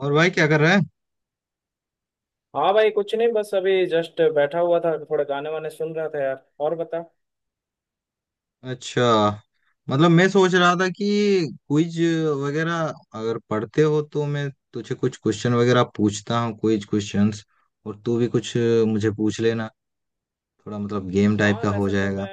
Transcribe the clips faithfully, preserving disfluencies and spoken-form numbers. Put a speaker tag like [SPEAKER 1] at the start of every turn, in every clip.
[SPEAKER 1] और भाई क्या कर रहा है?
[SPEAKER 2] हाँ भाई, कुछ नहीं। बस अभी जस्ट बैठा हुआ था, थोड़े गाने वाने सुन रहा था यार। और बता।
[SPEAKER 1] अच्छा। मतलब मैं सोच रहा था कि क्विज वगैरह अगर पढ़ते हो तो मैं तुझे कुछ क्वेश्चन वगैरह पूछता हूँ क्विज क्वेश्चंस, और तू भी कुछ मुझे पूछ लेना। थोड़ा मतलब गेम टाइप
[SPEAKER 2] हाँ,
[SPEAKER 1] का हो
[SPEAKER 2] वैसे तो मैं
[SPEAKER 1] जाएगा।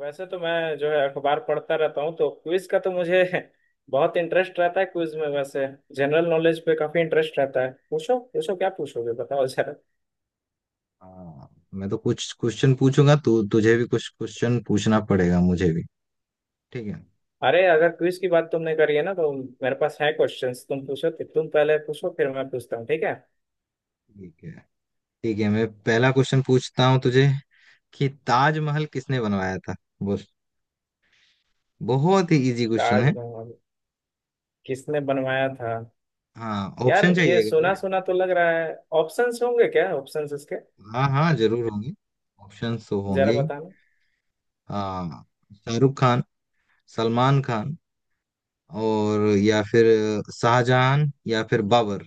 [SPEAKER 2] वैसे तो मैं जो है अखबार पढ़ता रहता हूँ, तो क्विज का तो मुझे बहुत इंटरेस्ट रहता है। क्विज में वैसे जनरल नॉलेज पे काफी इंटरेस्ट रहता है। पूछो पूछो, क्या पूछोगे बताओ जरा।
[SPEAKER 1] हाँ। मैं तो कुछ क्वेश्चन पूछूंगा, तू तुझे भी कुछ क्वेश्चन पूछना पड़ेगा मुझे भी। ठीक है।
[SPEAKER 2] अरे, अगर क्विज की बात तुमने करी है ना, तो मेरे पास है क्वेश्चंस। तुम पूछो, तो तुम पहले पूछो फिर मैं पूछता हूँ। ठीक है।
[SPEAKER 1] ठीक है। ठीक है, मैं पहला क्वेश्चन पूछता हूँ तुझे कि ताजमहल किसने बनवाया था। बोल। बहुत ही इजी क्वेश्चन है।
[SPEAKER 2] ताजमहल किसने बनवाया था।
[SPEAKER 1] हाँ
[SPEAKER 2] यार
[SPEAKER 1] ऑप्शन
[SPEAKER 2] ये
[SPEAKER 1] चाहिए।
[SPEAKER 2] सुना सुना तो लग रहा है। ऑप्शंस होंगे क्या, ऑप्शंस इसके?
[SPEAKER 1] हाँ हाँ जरूर होंगे, ऑप्शंस तो होंगे
[SPEAKER 2] जरा
[SPEAKER 1] ही।
[SPEAKER 2] बताना।
[SPEAKER 1] हाँ, शाहरुख खान, सलमान खान, और या फिर शाहजहां या फिर बाबर,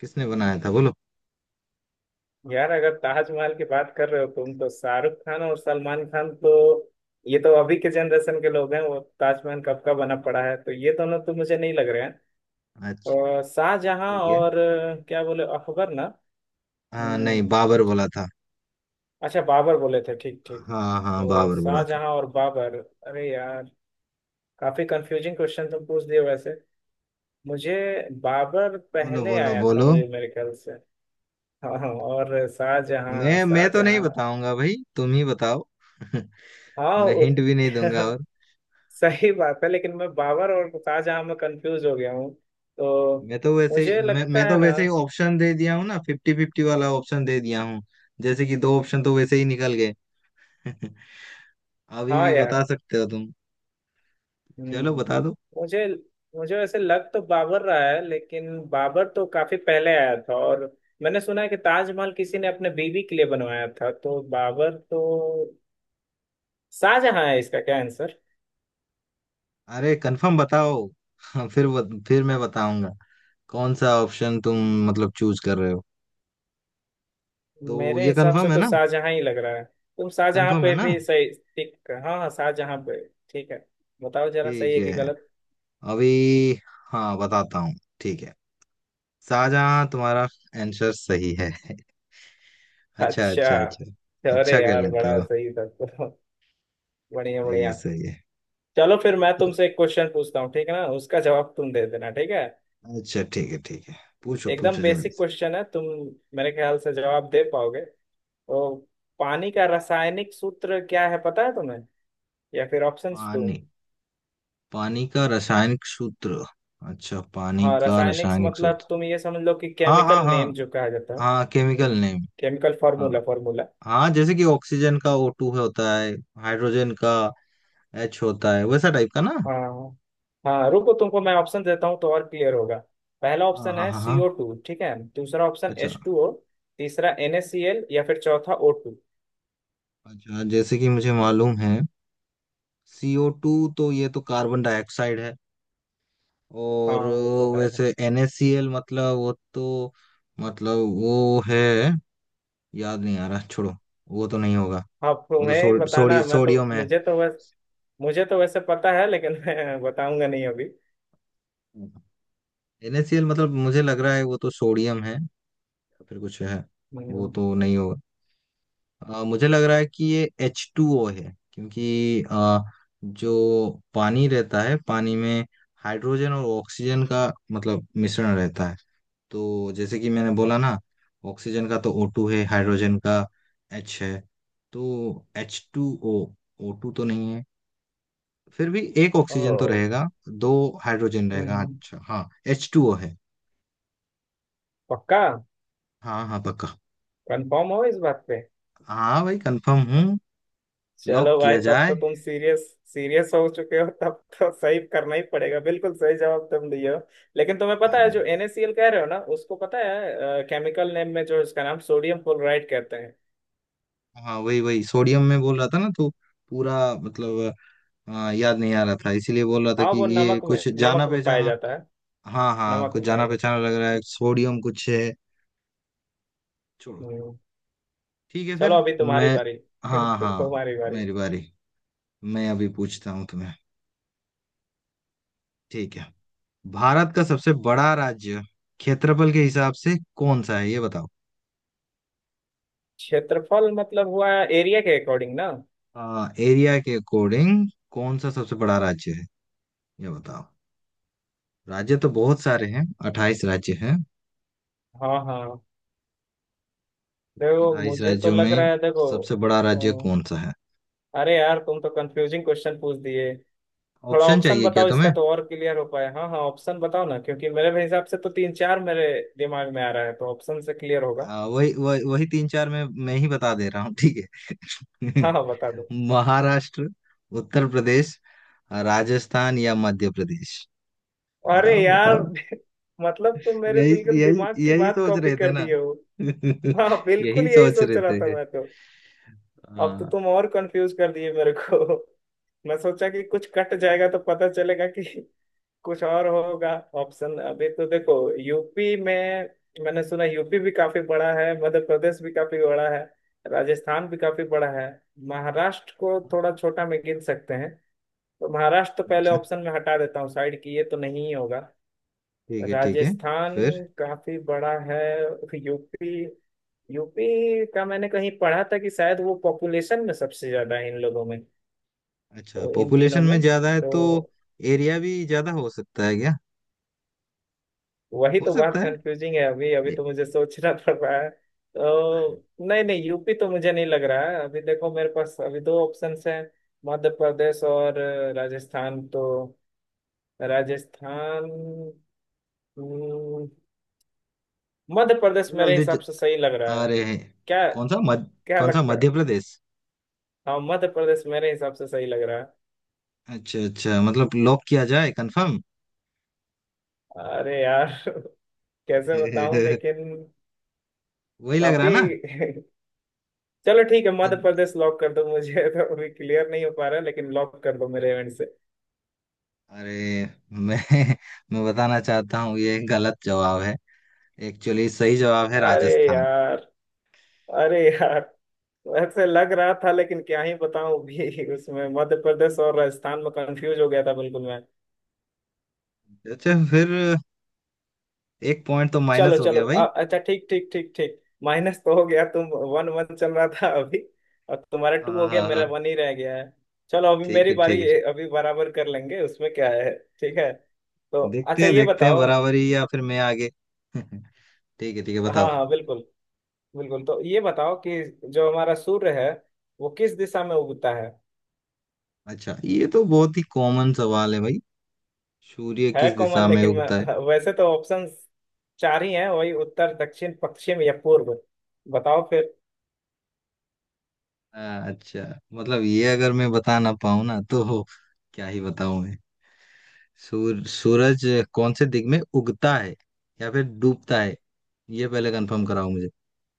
[SPEAKER 1] किसने बनाया था बोलो?
[SPEAKER 2] यार अगर ताजमहल की बात कर रहे हो तुम, तो शाहरुख खान और सलमान खान तो ये तो अभी के जनरेशन के लोग हैं। वो ताजमहल कब का बना पड़ा है, तो ये दोनों तो मुझे नहीं लग रहे हैं।
[SPEAKER 1] अच्छा।
[SPEAKER 2] और शाहजहां
[SPEAKER 1] ठीक है।
[SPEAKER 2] और अ, क्या बोले अकबर ना।
[SPEAKER 1] हाँ
[SPEAKER 2] हम्म।
[SPEAKER 1] नहीं, बाबर बोला था।
[SPEAKER 2] अच्छा बाबर बोले थे, ठीक ठीक।
[SPEAKER 1] हाँ हाँ,
[SPEAKER 2] तो
[SPEAKER 1] बाबर बोला था।
[SPEAKER 2] शाहजहां और बाबर। अरे यार, काफी कंफ्यूजिंग क्वेश्चन तुम पूछ दिए वैसे मुझे। बाबर
[SPEAKER 1] बोलो
[SPEAKER 2] पहले
[SPEAKER 1] बोलो
[SPEAKER 2] आया था
[SPEAKER 1] बोलो।
[SPEAKER 2] मुझे, मेरे ख्याल से। हाँ हाँ, और शाहजहां
[SPEAKER 1] मैं मैं तो नहीं
[SPEAKER 2] शाहजहां।
[SPEAKER 1] बताऊंगा भाई, तुम ही बताओ।
[SPEAKER 2] हाँ
[SPEAKER 1] मैं
[SPEAKER 2] उ-
[SPEAKER 1] हिंट भी नहीं दूंगा और।
[SPEAKER 2] सही बात है, लेकिन मैं बाबर और शाहजहां में कंफ्यूज हो गया हूँ तो।
[SPEAKER 1] मैं तो वैसे ही-
[SPEAKER 2] मुझे
[SPEAKER 1] मैं
[SPEAKER 2] लगता
[SPEAKER 1] मैं
[SPEAKER 2] है
[SPEAKER 1] तो
[SPEAKER 2] ना।
[SPEAKER 1] वैसे ही ऑप्शन दे दिया हूँ ना, फिफ्टी फिफ्टी वाला ऑप्शन दे दिया हूँ। जैसे कि दो ऑप्शन तो वैसे ही निकल गए। अभी
[SPEAKER 2] हाँ
[SPEAKER 1] भी
[SPEAKER 2] यार।
[SPEAKER 1] बता सकते हो तुम। चलो
[SPEAKER 2] हम्म।
[SPEAKER 1] बता दो।
[SPEAKER 2] मुझे मुझे वैसे लग तो बाबर रहा है, लेकिन बाबर तो काफी पहले आया था, और मैंने सुना है कि ताजमहल किसी ने अपने बीवी के लिए बनवाया था, तो बाबर तो शाहजहां है। इसका क्या आंसर।
[SPEAKER 1] अरे कंफर्म बताओ। हाँ, फिर बत, फिर मैं बताऊंगा। कौन सा ऑप्शन तुम मतलब चूज कर रहे हो? तो
[SPEAKER 2] मेरे
[SPEAKER 1] ये
[SPEAKER 2] हिसाब से
[SPEAKER 1] कंफर्म है
[SPEAKER 2] तो
[SPEAKER 1] ना?
[SPEAKER 2] शाहजहां ही लग रहा है। तुम शाहजहां
[SPEAKER 1] कंफर्म है
[SPEAKER 2] पे
[SPEAKER 1] ना?
[SPEAKER 2] भी सही, ठीक, हाँ हाँ, शाहजहां पे। ठीक है। बताओ जरा सही
[SPEAKER 1] ठीक
[SPEAKER 2] है कि
[SPEAKER 1] है,
[SPEAKER 2] गलत।
[SPEAKER 1] अभी हाँ बताता हूँ। ठीक है, शाहजहां तुम्हारा आंसर सही है। अच्छा
[SPEAKER 2] अच्छा।
[SPEAKER 1] अच्छा अच्छा। अच्छा
[SPEAKER 2] अरे
[SPEAKER 1] कर
[SPEAKER 2] यार,
[SPEAKER 1] लेते
[SPEAKER 2] बड़ा
[SPEAKER 1] हो।
[SPEAKER 2] सही था तो। बढ़िया
[SPEAKER 1] सही है,
[SPEAKER 2] बढ़िया।
[SPEAKER 1] सही है।
[SPEAKER 2] चलो फिर मैं
[SPEAKER 1] तो
[SPEAKER 2] तुमसे एक क्वेश्चन पूछता हूँ, ठीक है ना, उसका जवाब तुम दे देना, ठीक है।
[SPEAKER 1] अच्छा, ठीक है ठीक है, पूछो
[SPEAKER 2] एकदम
[SPEAKER 1] पूछो जल्दी
[SPEAKER 2] बेसिक
[SPEAKER 1] से।
[SPEAKER 2] क्वेश्चन है, तुम मेरे ख्याल से जवाब दे पाओगे। तो पानी का रासायनिक सूत्र क्या है, पता है तुम्हें? या फिर ऑप्शंस दो।
[SPEAKER 1] पानी। पानी का रासायनिक सूत्र। अच्छा, पानी
[SPEAKER 2] हाँ,
[SPEAKER 1] का
[SPEAKER 2] रासायनिक से
[SPEAKER 1] रासायनिक सूत्र।
[SPEAKER 2] मतलब तुम ये समझ लो कि
[SPEAKER 1] हाँ हाँ
[SPEAKER 2] केमिकल
[SPEAKER 1] हाँ
[SPEAKER 2] नेम जो कहा जाता है।
[SPEAKER 1] हाँ, केमिकल नेम।
[SPEAKER 2] केमिकल
[SPEAKER 1] हाँ
[SPEAKER 2] फॉर्मूला फॉर्मूला
[SPEAKER 1] हाँ, जैसे कि ऑक्सीजन का ओ टू होता है, हाइड्रोजन का एच होता है, वैसा टाइप का ना।
[SPEAKER 2] हाँ हाँ, रुको तुमको मैं ऑप्शन देता हूँ तो और क्लियर होगा। पहला
[SPEAKER 1] हाँ
[SPEAKER 2] ऑप्शन
[SPEAKER 1] हाँ
[SPEAKER 2] है
[SPEAKER 1] हाँ हाँ।
[SPEAKER 2] सी ओ टू, ठीक है, दूसरा ऑप्शन
[SPEAKER 1] अच्छा।
[SPEAKER 2] एच टू ओ, तीसरा NaCl, या फिर चौथा ओ टू।
[SPEAKER 1] अच्छा, जैसे कि मुझे मालूम है, सीओ टू तो ये तो कार्बन डाइऑक्साइड है। और
[SPEAKER 2] हाँ वो तो है।
[SPEAKER 1] वैसे NaCl मतलब वो तो, मतलब वो है, याद नहीं आ रहा, छोड़ो। वो तो नहीं होगा।
[SPEAKER 2] हाँ,
[SPEAKER 1] वो तो
[SPEAKER 2] तुम्हें ही
[SPEAKER 1] सो,
[SPEAKER 2] बताना
[SPEAKER 1] सोडी
[SPEAKER 2] है, मैं तो
[SPEAKER 1] सोडियम है।
[SPEAKER 2] मुझे तो बस मुझे तो वैसे पता है लेकिन मैं बताऊंगा नहीं अभी।
[SPEAKER 1] NaCl मतलब मुझे लग रहा है वो तो सोडियम है। तो फिर कुछ है। वो
[SPEAKER 2] हम्म,
[SPEAKER 1] तो नहीं होगा। अ, मुझे लग रहा है कि ये एच टू ओ है, क्योंकि अ, जो पानी रहता है, पानी में हाइड्रोजन और ऑक्सीजन का मतलब मिश्रण रहता है। तो जैसे कि मैंने बोला ना, ऑक्सीजन का तो ओ टू है, हाइड्रोजन का एच है, तो H two O. O two तो नहीं है, फिर भी एक ऑक्सीजन तो
[SPEAKER 2] ओ।
[SPEAKER 1] रहेगा, दो हाइड्रोजन रहेगा।
[SPEAKER 2] हम्म,
[SPEAKER 1] अच्छा हाँ, एच टू ओ है।
[SPEAKER 2] पक्का।
[SPEAKER 1] हाँ हाँ पक्का।
[SPEAKER 2] कंफर्म हो इस बात।
[SPEAKER 1] हाँ भाई, कंफर्म हूँ। लॉक
[SPEAKER 2] चलो भाई,
[SPEAKER 1] किया
[SPEAKER 2] तब
[SPEAKER 1] जाए।
[SPEAKER 2] तो तुम सीरियस सीरियस हो चुके हो, तब तो सही करना ही पड़ेगा। बिल्कुल सही जवाब तुम दिए हो। लेकिन तुम्हें पता है
[SPEAKER 1] अरे
[SPEAKER 2] जो NaCl कह रहे हो ना, उसको पता है केमिकल नेम में जो इसका नाम सोडियम क्लोराइड कहते हैं।
[SPEAKER 1] हाँ, वही वही सोडियम में बोल रहा था ना, तो पूरा मतलब आ, याद नहीं आ रहा था, इसीलिए बोल रहा था
[SPEAKER 2] हाँ,
[SPEAKER 1] कि
[SPEAKER 2] वो
[SPEAKER 1] ये
[SPEAKER 2] नमक में,
[SPEAKER 1] कुछ जाना
[SPEAKER 2] नमक में पाया
[SPEAKER 1] पहचाना।
[SPEAKER 2] जाता है।
[SPEAKER 1] हाँ हाँ,
[SPEAKER 2] नमक
[SPEAKER 1] कुछ
[SPEAKER 2] में पाया
[SPEAKER 1] जाना
[SPEAKER 2] जाता
[SPEAKER 1] पहचाना लग रहा है,
[SPEAKER 2] है।
[SPEAKER 1] सोडियम कुछ है। छोड़ो।
[SPEAKER 2] हम्म।
[SPEAKER 1] ठीक है,
[SPEAKER 2] चलो
[SPEAKER 1] फिर
[SPEAKER 2] अभी तुम्हारी
[SPEAKER 1] मैं।
[SPEAKER 2] बारी
[SPEAKER 1] हाँ हाँ,
[SPEAKER 2] तुम्हारी बारी।
[SPEAKER 1] मेरी बारी, मैं अभी पूछता हूँ तुम्हें। ठीक है। भारत का सबसे बड़ा राज्य क्षेत्रफल के हिसाब से कौन सा है ये बताओ।
[SPEAKER 2] क्षेत्रफल मतलब हुआ एरिया के अकॉर्डिंग ना।
[SPEAKER 1] आ, एरिया के अकॉर्डिंग कौन सा सबसे बड़ा राज्य है ये बताओ। राज्य तो बहुत सारे हैं, अट्ठाईस राज्य हैं।
[SPEAKER 2] हाँ हाँ, देखो
[SPEAKER 1] अट्ठाईस
[SPEAKER 2] मुझे तो
[SPEAKER 1] राज्यों
[SPEAKER 2] लग
[SPEAKER 1] में
[SPEAKER 2] रहा है देखो।
[SPEAKER 1] सबसे बड़ा
[SPEAKER 2] अ,
[SPEAKER 1] राज्य कौन सा है?
[SPEAKER 2] अरे यार तुम तो कंफ्यूजिंग क्वेश्चन पूछ दिए। थोड़ा
[SPEAKER 1] ऑप्शन
[SPEAKER 2] ऑप्शन
[SPEAKER 1] चाहिए क्या
[SPEAKER 2] बताओ इसका,
[SPEAKER 1] तुम्हें?
[SPEAKER 2] तो और क्लियर हो पाए। हाँ हाँ, ऑप्शन बताओ ना, क्योंकि मेरे हिसाब से तो तीन चार मेरे दिमाग में आ रहा है, तो ऑप्शन से क्लियर होगा।
[SPEAKER 1] आ, वही वही वही तीन चार में मैं ही बता दे रहा हूँ, ठीक है।
[SPEAKER 2] हाँ हाँ, बता दो।
[SPEAKER 1] महाराष्ट्र, उत्तर प्रदेश, राजस्थान या मध्य प्रदेश।
[SPEAKER 2] अरे
[SPEAKER 1] बताओ
[SPEAKER 2] यार
[SPEAKER 1] बताओ।
[SPEAKER 2] मतलब तुम मेरे
[SPEAKER 1] यही
[SPEAKER 2] बिल्कुल दिमाग
[SPEAKER 1] यही
[SPEAKER 2] की
[SPEAKER 1] यही
[SPEAKER 2] बात
[SPEAKER 1] सोच
[SPEAKER 2] कॉपी
[SPEAKER 1] रहे थे
[SPEAKER 2] कर
[SPEAKER 1] ना।
[SPEAKER 2] दिए हो। हाँ,
[SPEAKER 1] यही
[SPEAKER 2] बिल्कुल यही
[SPEAKER 1] सोच
[SPEAKER 2] सोच
[SPEAKER 1] रहे
[SPEAKER 2] रहा था
[SPEAKER 1] थे
[SPEAKER 2] मैं तो। अब तो
[SPEAKER 1] आ,
[SPEAKER 2] तुम और कंफ्यूज कर दिए मेरे को मैं सोचा कि कुछ कट जाएगा तो पता चलेगा कि कुछ और होगा। ऑप्शन अभी तो देखो, यूपी में, मैंने सुना यूपी भी काफी बड़ा है, मध्य प्रदेश भी काफी बड़ा है, राजस्थान भी काफी बड़ा है। महाराष्ट्र को थोड़ा छोटा में गिन सकते हैं, तो महाराष्ट्र तो पहले
[SPEAKER 1] अच्छा।
[SPEAKER 2] ऑप्शन में हटा देता हूँ साइड की, ये तो नहीं ही होगा।
[SPEAKER 1] ठीक है ठीक है
[SPEAKER 2] राजस्थान
[SPEAKER 1] फिर।
[SPEAKER 2] काफी बड़ा है। यूपी, यूपी का मैंने कहीं पढ़ा था कि शायद वो पॉपुलेशन में सबसे ज्यादा है इन लोगों में।
[SPEAKER 1] अच्छा,
[SPEAKER 2] तो इन तीनों
[SPEAKER 1] पॉपुलेशन में
[SPEAKER 2] में
[SPEAKER 1] ज्यादा है तो
[SPEAKER 2] तो
[SPEAKER 1] एरिया भी ज्यादा हो सकता है क्या?
[SPEAKER 2] वही
[SPEAKER 1] हो
[SPEAKER 2] तो बात
[SPEAKER 1] सकता
[SPEAKER 2] कंफ्यूजिंग है। अभी अभी
[SPEAKER 1] है।
[SPEAKER 2] तो मुझे सोचना पड़ रहा है तो, नहीं नहीं, यूपी तो मुझे नहीं लग रहा है अभी। देखो मेरे पास अभी दो ऑप्शन हैं, मध्य प्रदेश और अ, राजस्थान। तो राजस्थान, हम्म, मध्य प्रदेश मेरे
[SPEAKER 1] जल्दी ज-
[SPEAKER 2] हिसाब से सही लग रहा
[SPEAKER 1] आ
[SPEAKER 2] है।
[SPEAKER 1] रहे हैं।
[SPEAKER 2] क्या,
[SPEAKER 1] कौन सा मध
[SPEAKER 2] क्या
[SPEAKER 1] कौन सा
[SPEAKER 2] लगता है?
[SPEAKER 1] मध्य प्रदेश?
[SPEAKER 2] हाँ, मध्य प्रदेश मेरे हिसाब से सही लग रहा है।
[SPEAKER 1] अच्छा अच्छा, मतलब लॉक किया जाए, कंफर्म।
[SPEAKER 2] अरे यार कैसे बताऊं लेकिन।
[SPEAKER 1] वही लग रहा
[SPEAKER 2] काफी
[SPEAKER 1] है ना।
[SPEAKER 2] चलो ठीक है, मध्य
[SPEAKER 1] अद-
[SPEAKER 2] प्रदेश लॉक कर दो मुझे तो अभी क्लियर नहीं हो पा रहा है, लेकिन लॉक कर दो मेरे एंड से।
[SPEAKER 1] अरे, मैं मैं बताना चाहता हूँ, ये गलत जवाब है। एक्चुअली सही जवाब है
[SPEAKER 2] अरे
[SPEAKER 1] राजस्थान।
[SPEAKER 2] यार, अरे यार, ऐसे लग रहा था लेकिन क्या ही बताऊं भी उसमें मध्य प्रदेश और राजस्थान में कंफ्यूज हो गया था बिल्कुल मैं।
[SPEAKER 1] अच्छा फिर, एक पॉइंट तो
[SPEAKER 2] चलो
[SPEAKER 1] माइनस हो
[SPEAKER 2] चलो,
[SPEAKER 1] गया भाई।
[SPEAKER 2] अ- अच्छा, ठीक ठीक ठीक ठीक, माइनस तो हो गया। तुम वन वन चल रहा था अभी, और तुम्हारा टू
[SPEAKER 1] हाँ
[SPEAKER 2] हो गया,
[SPEAKER 1] हाँ
[SPEAKER 2] मेरा
[SPEAKER 1] हाँ,
[SPEAKER 2] वन ही रह गया है। चलो अभी
[SPEAKER 1] ठीक
[SPEAKER 2] मेरी
[SPEAKER 1] है ठीक
[SPEAKER 2] बारी
[SPEAKER 1] है,
[SPEAKER 2] है, अभी बराबर कर लेंगे उसमें क्या है। ठीक है। तो
[SPEAKER 1] देखते
[SPEAKER 2] अच्छा,
[SPEAKER 1] हैं
[SPEAKER 2] ये
[SPEAKER 1] देखते हैं,
[SPEAKER 2] बताओ।
[SPEAKER 1] बराबरी या फिर मैं आगे। ठीक है ठीक है,
[SPEAKER 2] हाँ
[SPEAKER 1] बताओ।
[SPEAKER 2] हाँ बिल्कुल, बिल्कुल तो ये बताओ कि जो हमारा सूर्य है वो किस दिशा में उगता है।
[SPEAKER 1] अच्छा, ये तो बहुत ही कॉमन सवाल है भाई। सूर्य
[SPEAKER 2] है
[SPEAKER 1] किस
[SPEAKER 2] कॉमन,
[SPEAKER 1] दिशा में
[SPEAKER 2] लेकिन
[SPEAKER 1] उगता है?
[SPEAKER 2] मैं वैसे तो ऑप्शंस चार ही हैं, वही उत्तर दक्षिण पश्चिम या पूर्व, बताओ फिर।
[SPEAKER 1] हाँ, अच्छा। मतलब ये अगर मैं बता ना पाऊँ ना, तो क्या ही बताऊं मैं। सूर, सूरज कौन से दिग में उगता है, या फिर डूबता है, ये पहले कंफर्म कराओ मुझे।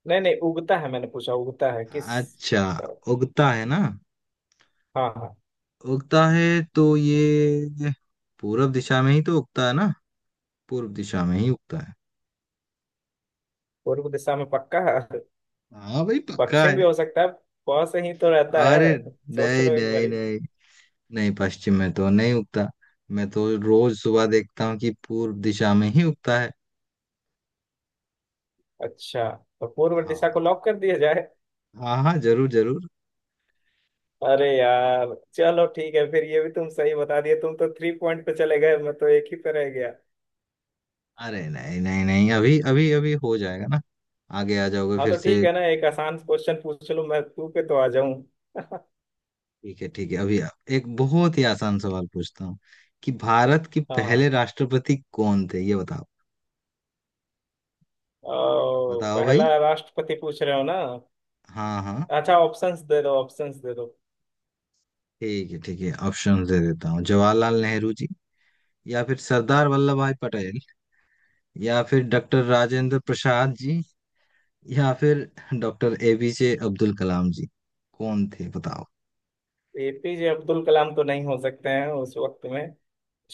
[SPEAKER 2] नहीं नहीं, उगता है, मैंने पूछा, उगता है किस।
[SPEAKER 1] अच्छा, उगता है ना?
[SPEAKER 2] हाँ हाँ।
[SPEAKER 1] उगता है, तो ये पूरब दिशा में ही तो उगता है ना? पूर्व दिशा में ही उगता है।
[SPEAKER 2] पूर्व दिशा में पक्का है?
[SPEAKER 1] हाँ भाई पक्का
[SPEAKER 2] पश्चिम भी
[SPEAKER 1] है।
[SPEAKER 2] हो सकता है, प से ही तो रहता
[SPEAKER 1] अरे
[SPEAKER 2] है, सोच
[SPEAKER 1] नहीं
[SPEAKER 2] लो एक
[SPEAKER 1] नहीं
[SPEAKER 2] बारी।
[SPEAKER 1] नहीं नहीं, पश्चिम में तो नहीं उगता। मैं तो रोज सुबह देखता हूँ कि पूर्व दिशा में ही उगता है।
[SPEAKER 2] अच्छा, तो पूर्व दिशा
[SPEAKER 1] हाँ
[SPEAKER 2] को लॉक कर दिया जाए।
[SPEAKER 1] हाँ हाँ, जरूर जरूर।
[SPEAKER 2] अरे यार, चलो ठीक है, फिर ये भी तुम सही बता दिए, तुम तो थ्री पॉइंट पे चले गए, मैं तो एक ही पे रह गया।
[SPEAKER 1] अरे नहीं नहीं नहीं, अभी अभी अभी हो जाएगा ना, आगे आ जाओगे
[SPEAKER 2] हाँ
[SPEAKER 1] फिर
[SPEAKER 2] तो
[SPEAKER 1] से।
[SPEAKER 2] ठीक है ना, एक आसान क्वेश्चन पूछ लो, मैं तू पे तो आ जाऊं।
[SPEAKER 1] ठीक है ठीक है, अभी आप- एक बहुत ही आसान सवाल पूछता हूँ कि भारत के
[SPEAKER 2] हाँ,
[SPEAKER 1] पहले राष्ट्रपति कौन थे ये बताओ।
[SPEAKER 2] अ,
[SPEAKER 1] बताओ भाई।
[SPEAKER 2] पहला राष्ट्रपति पूछ रहे हो ना।
[SPEAKER 1] हाँ हाँ।
[SPEAKER 2] अच्छा, ऑप्शंस दे दो, ऑप्शंस दे दो।
[SPEAKER 1] ठीक है ठीक है, ऑप्शन दे देता हूँ। जवाहरलाल नेहरू जी, या फिर सरदार वल्लभ भाई पटेल, या फिर डॉक्टर राजेंद्र प्रसाद जी, या फिर डॉक्टर ए पी जे अब्दुल कलाम जी, कौन थे बताओ।
[SPEAKER 2] ए पी जे अब्दुल कलाम तो नहीं हो सकते हैं उस वक्त में।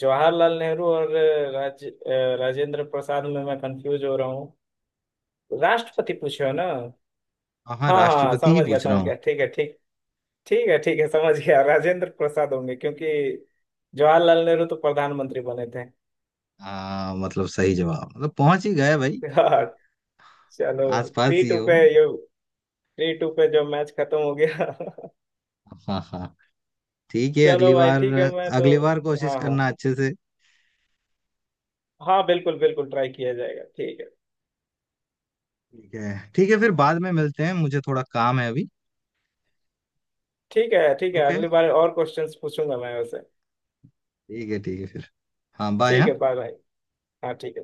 [SPEAKER 2] जवाहरलाल नेहरू और राज अ, राजेंद्र प्रसाद में मैं कंफ्यूज हो रहा हूँ। राष्ट्रपति पूछे हो ना?
[SPEAKER 1] हाँ हाँ,
[SPEAKER 2] हाँ हाँ हाँ,
[SPEAKER 1] राष्ट्रपति ही
[SPEAKER 2] समझ गया,
[SPEAKER 1] पूछ रहा
[SPEAKER 2] समझ
[SPEAKER 1] हूँ।
[SPEAKER 2] गया, ठीक है, ठीक, ठीक है, ठीक है, समझ गया। राजेंद्र प्रसाद होंगे क्योंकि जवाहरलाल नेहरू तो प्रधानमंत्री बने थे।
[SPEAKER 1] हाँ मतलब सही जवाब, मतलब पहुंच ही गए भाई।
[SPEAKER 2] हाँ। चलो
[SPEAKER 1] आसपास
[SPEAKER 2] थ्री
[SPEAKER 1] ही
[SPEAKER 2] टू
[SPEAKER 1] हो।
[SPEAKER 2] पे ये, थ्री टू पे जो मैच खत्म हो गया।
[SPEAKER 1] हाँ हाँ, ठीक है,
[SPEAKER 2] चलो
[SPEAKER 1] अगली
[SPEAKER 2] भाई,
[SPEAKER 1] बार,
[SPEAKER 2] ठीक है, मैं तो।
[SPEAKER 1] अगली बार कोशिश
[SPEAKER 2] हाँ हाँ
[SPEAKER 1] करना अच्छे से।
[SPEAKER 2] हाँ, बिल्कुल बिल्कुल ट्राई किया जाएगा। ठीक है,
[SPEAKER 1] ठीक है ठीक है, फिर बाद में मिलते हैं, मुझे थोड़ा काम है अभी।
[SPEAKER 2] ठीक है, ठीक है।
[SPEAKER 1] ओके,
[SPEAKER 2] अगली बार और क्वेश्चंस पूछूंगा मैं वैसे।
[SPEAKER 1] ठीक है ठीक है फिर। हाँ बाय,
[SPEAKER 2] ठीक
[SPEAKER 1] हाँ।
[SPEAKER 2] है, बाय भाई। हाँ ठीक है bye।